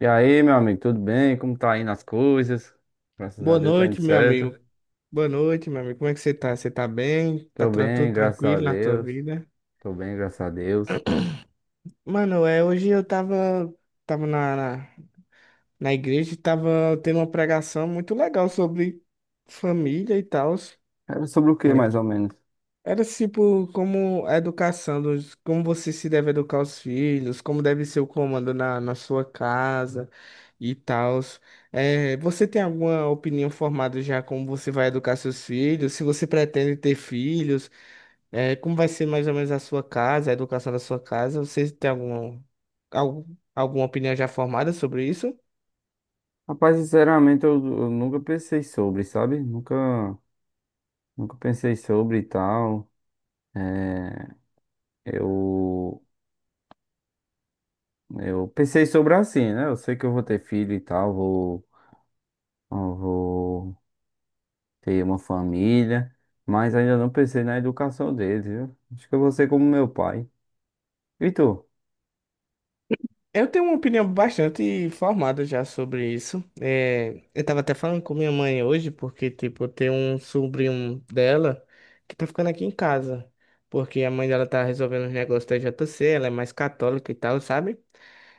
E aí, meu amigo, tudo bem? Como tá indo as coisas? Graças a Boa Deus tá indo noite, meu certo. amigo. Boa noite, meu amigo. Como é que você tá? Você tá bem? Tô Tudo bem, graças a tranquilo na tua Deus. vida? Tô bem, graças a Deus. Mano, é, hoje eu tava, tava na, na, na igreja e tava tendo uma pregação muito legal sobre família e tal. Era sobre o que, mais ou menos? Era tipo como a educação, dos, como você se deve educar os filhos, como deve ser o comando na sua casa e tal. É, você tem alguma opinião formada já como você vai educar seus filhos? Se você pretende ter filhos? É, como vai ser mais ou menos a sua casa, a educação da sua casa? Vocês têm alguma, algum, al- alguma opinião já formada sobre isso? Rapaz, sinceramente, eu nunca pensei sobre, sabe? Nunca, nunca pensei sobre e tal. Eu, eu pensei sobre assim, né? Eu sei que eu vou ter filho e tal, vou, eu vou ter uma família, mas ainda não pensei na educação deles, viu? Acho que eu vou ser como meu pai. E tu? Eu tenho uma opinião bastante formada já sobre isso. É, eu tava até falando com minha mãe hoje, porque, tipo, tem um sobrinho dela que tá ficando aqui em casa. Porque a mãe dela tá resolvendo os negócios da JC, ela é mais católica e tal, sabe?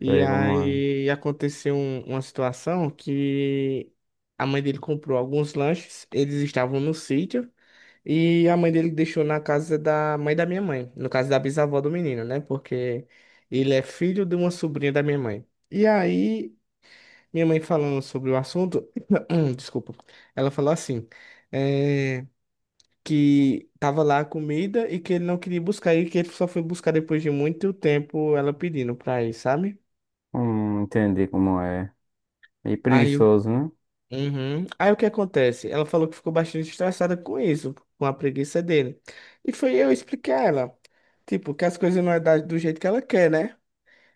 E Sei como é. aí aconteceu uma situação que a mãe dele comprou alguns lanches, eles estavam no sítio. E a mãe dele deixou na casa da mãe da minha mãe, no caso da bisavó do menino, né? Porque ele é filho de uma sobrinha da minha mãe. E aí, minha mãe falando sobre o assunto, desculpa, ela falou assim, eh, que tava lá a comida e que ele não queria buscar e que ele só foi buscar depois de muito tempo ela pedindo pra ir, sabe? Entendi como é. E Aí, o- preguiçoso, né? Uhum. Aí o que acontece? Ela falou que ficou bastante estressada com isso, com a preguiça dele. E foi eu expliquei a ela. Tipo, que as coisas não é do jeito que ela quer, né?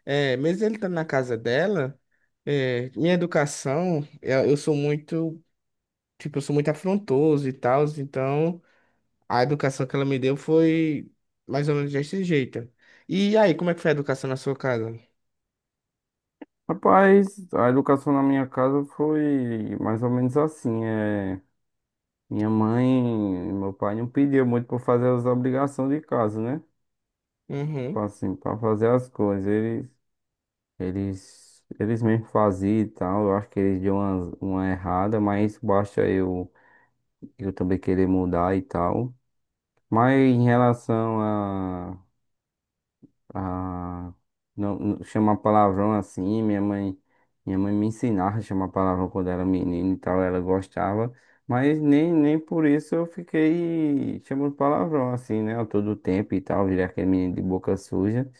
É, mesmo ele estando na casa dela, é, minha educação, eu sou muito, tipo, eu sou muito afrontoso e tal, então a educação que ela me deu foi mais ou menos desse jeito. E aí, como é que foi a educação na sua casa? Rapaz, a educação na minha casa foi mais ou menos assim. É... Minha mãe e meu pai não pediam muito para fazer as obrigações de casa, né? Tipo Uhum, assim, para fazer as coisas. Eles, eles mesmo faziam e tal. Eu acho que eles deu uma errada, mas basta eu também querer mudar e tal. Mas em relação. Ah, não, chamar palavrão assim, minha mãe me ensinava a chamar palavrão quando era menino e tal, ela gostava, mas nem, nem por isso eu fiquei chamando palavrão assim, né, a todo tempo e tal, virei aquele menino de boca suja.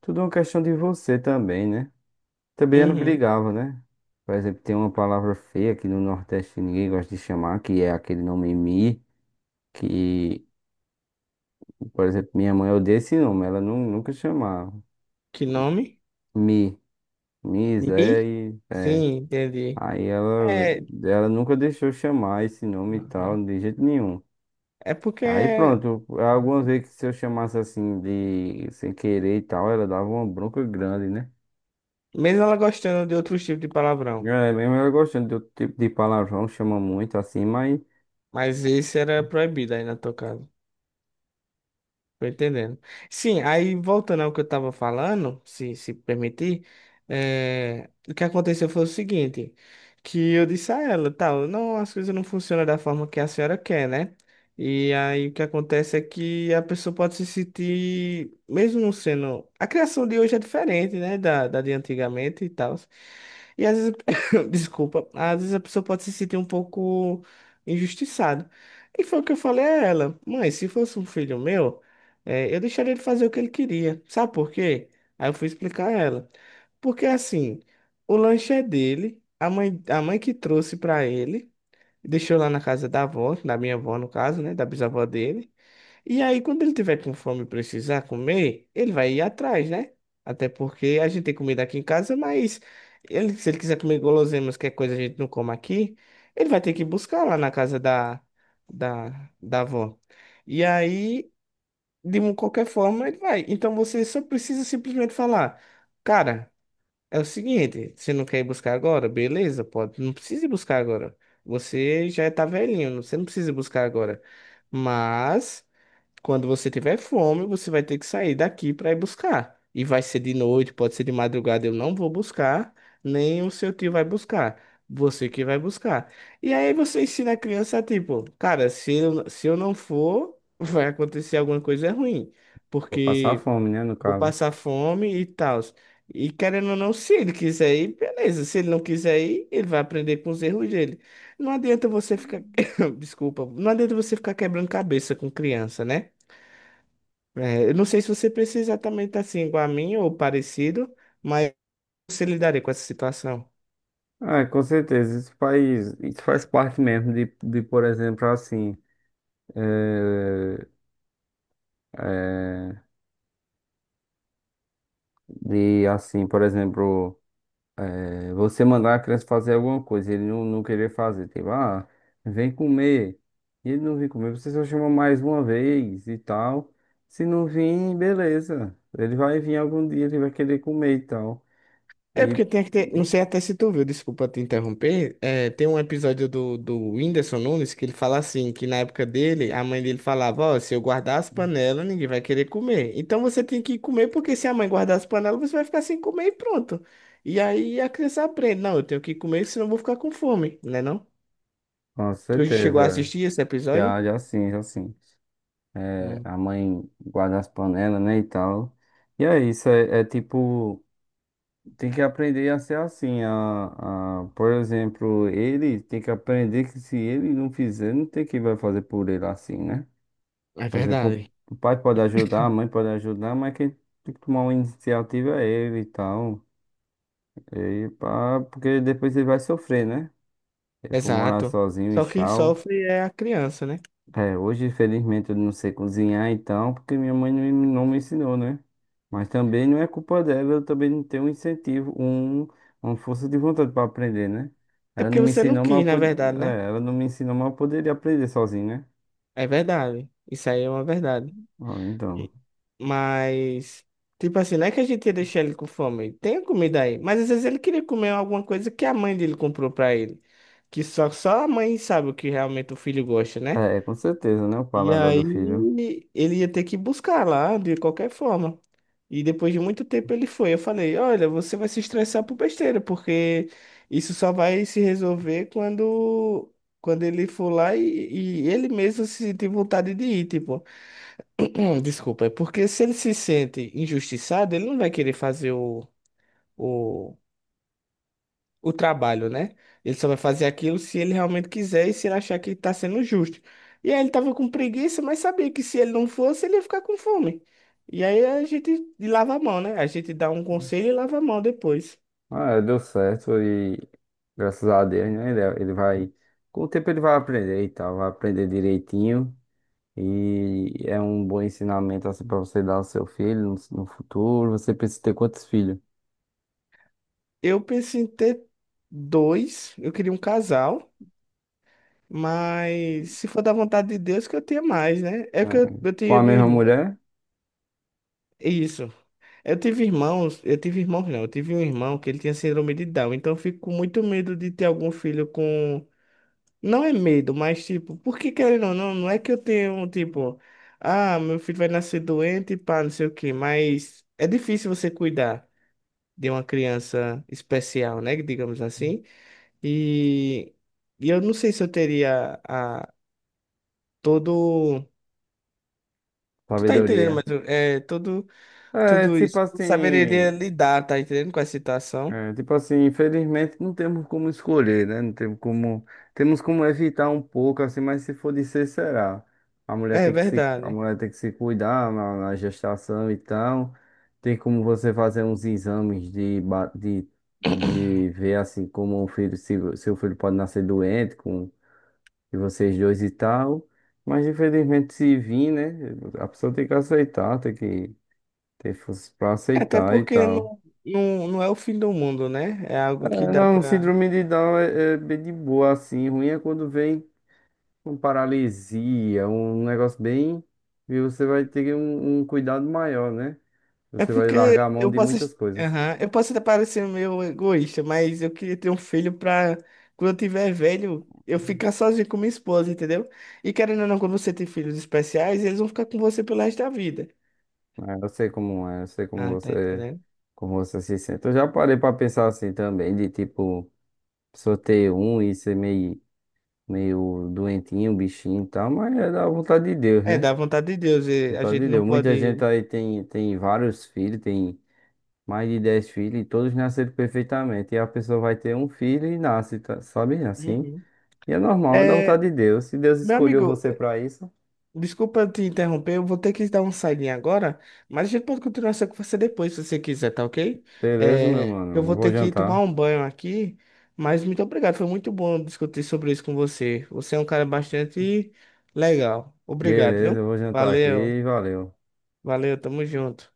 Tudo é uma questão de você também, né? Também ela uhum. brigava, né? Por exemplo, tem uma palavra feia que no Nordeste ninguém gosta de chamar, que é aquele nome Mi, que, por exemplo, minha mãe odeia esse nome, ela nunca chamava. Que nome? Mi. Nizé, Mi? e Sim, entendi. aí ela, É, ela nunca deixou eu chamar esse nome e uhum. tal, de jeito nenhum. É Aí porque, pronto, algumas vezes que se eu chamasse assim de sem querer e tal, ela dava uma bronca grande, né? mesmo ela gostando de outros tipos de palavrão, É, mesmo ela gostando do tipo de palavrão, chama muito assim, mas mas esse era proibido aí na tua casa. Tô entendendo. Sim, aí voltando ao que eu estava falando, se permitir, o que aconteceu foi o seguinte, que eu disse a ela, tal, não, as coisas não funcionam da forma que a senhora quer, né? E aí o que acontece é que a pessoa pode se sentir, mesmo não sendo. A criação de hoje é diferente, né? Da de antigamente e tal. E às vezes, desculpa, às vezes a pessoa pode se sentir um pouco injustiçada. E foi o que eu falei a ela, mãe, se fosse um filho meu. É, eu deixaria ele fazer o que ele queria. Sabe por quê? Aí eu fui explicar a ela. Porque assim, o lanche é dele, a mãe que trouxe pra ele, deixou lá na casa da avó, da minha avó no caso, né, da bisavó dele. E aí quando ele tiver com fome e precisar comer, ele vai ir atrás, né? Até porque a gente tem comida aqui em casa, mas ele, se ele quiser comer guloseimas, que é coisa que a gente não come aqui, ele vai ter que buscar lá na casa da avó. E aí qualquer forma ele vai. Então você só precisa simplesmente falar, cara, é o seguinte, você não quer ir buscar agora? Beleza, pode, não precisa ir buscar agora. Você já tá velhinho, você não precisa ir buscar agora. Mas quando você tiver fome, você vai ter que sair daqui para ir buscar. E vai ser de noite, pode ser de madrugada, eu não vou buscar, nem o seu tio vai buscar. Você que vai buscar. E aí você ensina a criança, tipo, cara, se eu não for, vai acontecer alguma coisa ruim, vou passar porque fome, né, no vou caso. passar fome e tal. E querendo ou não, se ele quiser ir, beleza. Se ele não quiser ir, ele vai aprender com os erros dele. Não adianta você ficar. Desculpa, não adianta você ficar quebrando cabeça com criança, né? É, eu não sei se você precisa exatamente assim, igual a mim ou parecido, mas você lidaria com essa situação. Ah, com certeza, isso faz parte mesmo de por exemplo, assim, eh, eh, de assim, por exemplo. É, você mandar a criança fazer alguma coisa, ele não, não querer fazer, tipo, ah, vem comer. E ele não vir comer, você só chama mais uma vez e tal. Se não vir, beleza. Ele vai vir algum dia, ele vai querer comer e tal. É E porque tem que ter. Não sei até se tu viu, desculpa te interromper. É, tem um episódio do Whindersson Nunes que ele fala assim: que na época dele, a mãe dele falava: Ó, se eu guardar as panelas, ninguém vai querer comer. Então você tem que comer, porque se a mãe guardar as panelas, você vai ficar sem comer e pronto. E aí a criança aprende: Não, eu tenho que comer, senão eu vou ficar com fome, né? Não? com Tu chegou a certeza, assistir esse episódio? já, já sim, já sim. É, Hum, a mãe guarda as panelas, né, e tal. E é isso, é tipo. Tem que aprender a ser assim. A, por exemplo, ele tem que aprender que se ele não fizer, não tem quem vai fazer por ele assim, né? é Por exemplo, verdade. o pai pode ajudar, a mãe pode ajudar, mas quem tem que tomar uma iniciativa é ele e tal. E pá, porque depois ele vai sofrer, né? Ele for morar Exato. sozinho e Só quem tchau. sofre é a criança, né? É, hoje, infelizmente, eu não sei cozinhar, então, porque minha mãe não, me não me ensinou, né? Mas também não é culpa dela, eu também não tenho um incentivo, um, uma força de vontade para aprender, né? É Ela porque não me você não ensinou, mas eu, quis, na verdade, né? é, ela não me ensinou, mas eu poderia aprender sozinho, né? É verdade. Isso aí é uma verdade. Ah, então. Mas, tipo assim, não é que a gente ia deixar ele com fome. Tem a comida aí. Mas às vezes ele queria comer alguma coisa que a mãe dele comprou pra ele. Que só a mãe sabe o que realmente o filho gosta, né? É, é, com certeza, né? O E paladar do filho. aí ele ia ter que buscar lá de qualquer forma. E depois de muito tempo ele foi. Eu falei: Olha, você vai se estressar por besteira, porque isso só vai se resolver quando ele for lá e ele mesmo se sentir vontade de ir. Tipo, não, desculpa, é porque se ele se sente injustiçado, ele não vai querer fazer o trabalho, né? Ele só vai fazer aquilo se ele realmente quiser e se ele achar que tá sendo justo. E aí ele tava com preguiça, mas sabia que se ele não fosse, ele ia ficar com fome. E aí a gente lava a mão, né? A gente dá um conselho e lava a mão depois. Ah, deu certo e graças a Deus, né? Ele vai. Com o tempo ele vai aprender e tal, vai aprender direitinho. E é um bom ensinamento assim para você dar ao seu filho no, no futuro. Você precisa ter quantos filhos? Eu pensei em ter dois, eu queria um casal, mas se for da vontade de Deus que eu tenha mais, né? É Né? que eu Com a tive mesma irmão. mulher? Isso. Eu tive irmãos não, Eu tive um irmão que ele tinha síndrome de Down, então eu fico com muito medo de ter algum filho com Não é medo, mas tipo, porque querendo ou não, não é que eu tenho, tipo, ah, meu filho vai nascer doente, pá, não sei o quê, mas é difícil você cuidar de uma criança especial, né, digamos assim, e, e eu não sei se eu teria a, todo, tu tá entendendo, Sabedoria. É, todo, É tudo tipo isso, eu não saberia assim. lidar, tá entendendo, com a situação, É, tipo assim, infelizmente não temos como escolher, né? Não temos como, temos como evitar um pouco, assim, mas se for de ser, será. A mulher é tem que se, a verdade, mulher tem que se cuidar na, na gestação e tal. Tem como você fazer uns exames de, de ver, assim, como o filho, se seu filho pode nascer doente com de vocês dois e tal. Mas infelizmente se vir, né? A pessoa tem que aceitar, tem que ter força pra até aceitar e porque tal. Não é o fim do mundo, né, é algo que É, dá não, pra síndrome de Down é, é bem de boa, assim. Ruim é quando vem com paralisia, um negócio bem. E você vai ter um, um cuidado maior, né? É Você vai porque largar a mão eu de posso, muitas coisas. aham, eu posso até parecer meio egoísta, mas eu queria ter um filho pra quando eu tiver velho, eu ficar sozinho com minha esposa, entendeu? E querendo ou não, quando você tem filhos especiais, eles vão ficar com você pelo resto da vida. É, eu sei como é, eu sei Ah, tá entendendo? como você se sente. Eu já parei pra pensar assim também, de tipo, só ter um e ser meio, meio doentinho, um bichinho e tal, mas é da vontade de Deus, É, né? da vontade de Deus, e a Vontade gente de não Deus. Muita gente pode. aí tem, tem vários filhos, tem mais de 10 filhos, e todos nasceram perfeitamente. E a pessoa vai ter um filho e nasce, tá- sabe? Assim. Uhum. E é normal, é da É, vontade de Deus. Se Deus meu escolheu amigo, você pra isso, desculpa te interromper, eu vou ter que dar um saidinho agora, mas a gente pode continuar essa conversa depois, se você quiser, tá ok? beleza, meu É, eu mano. vou Eu vou ter que ir tomar jantar. um banho aqui, mas muito obrigado, foi muito bom discutir sobre isso com você. Você é um cara bastante legal. Obrigado, viu? Beleza, eu vou jantar aqui Valeu, e valeu. valeu, tamo junto.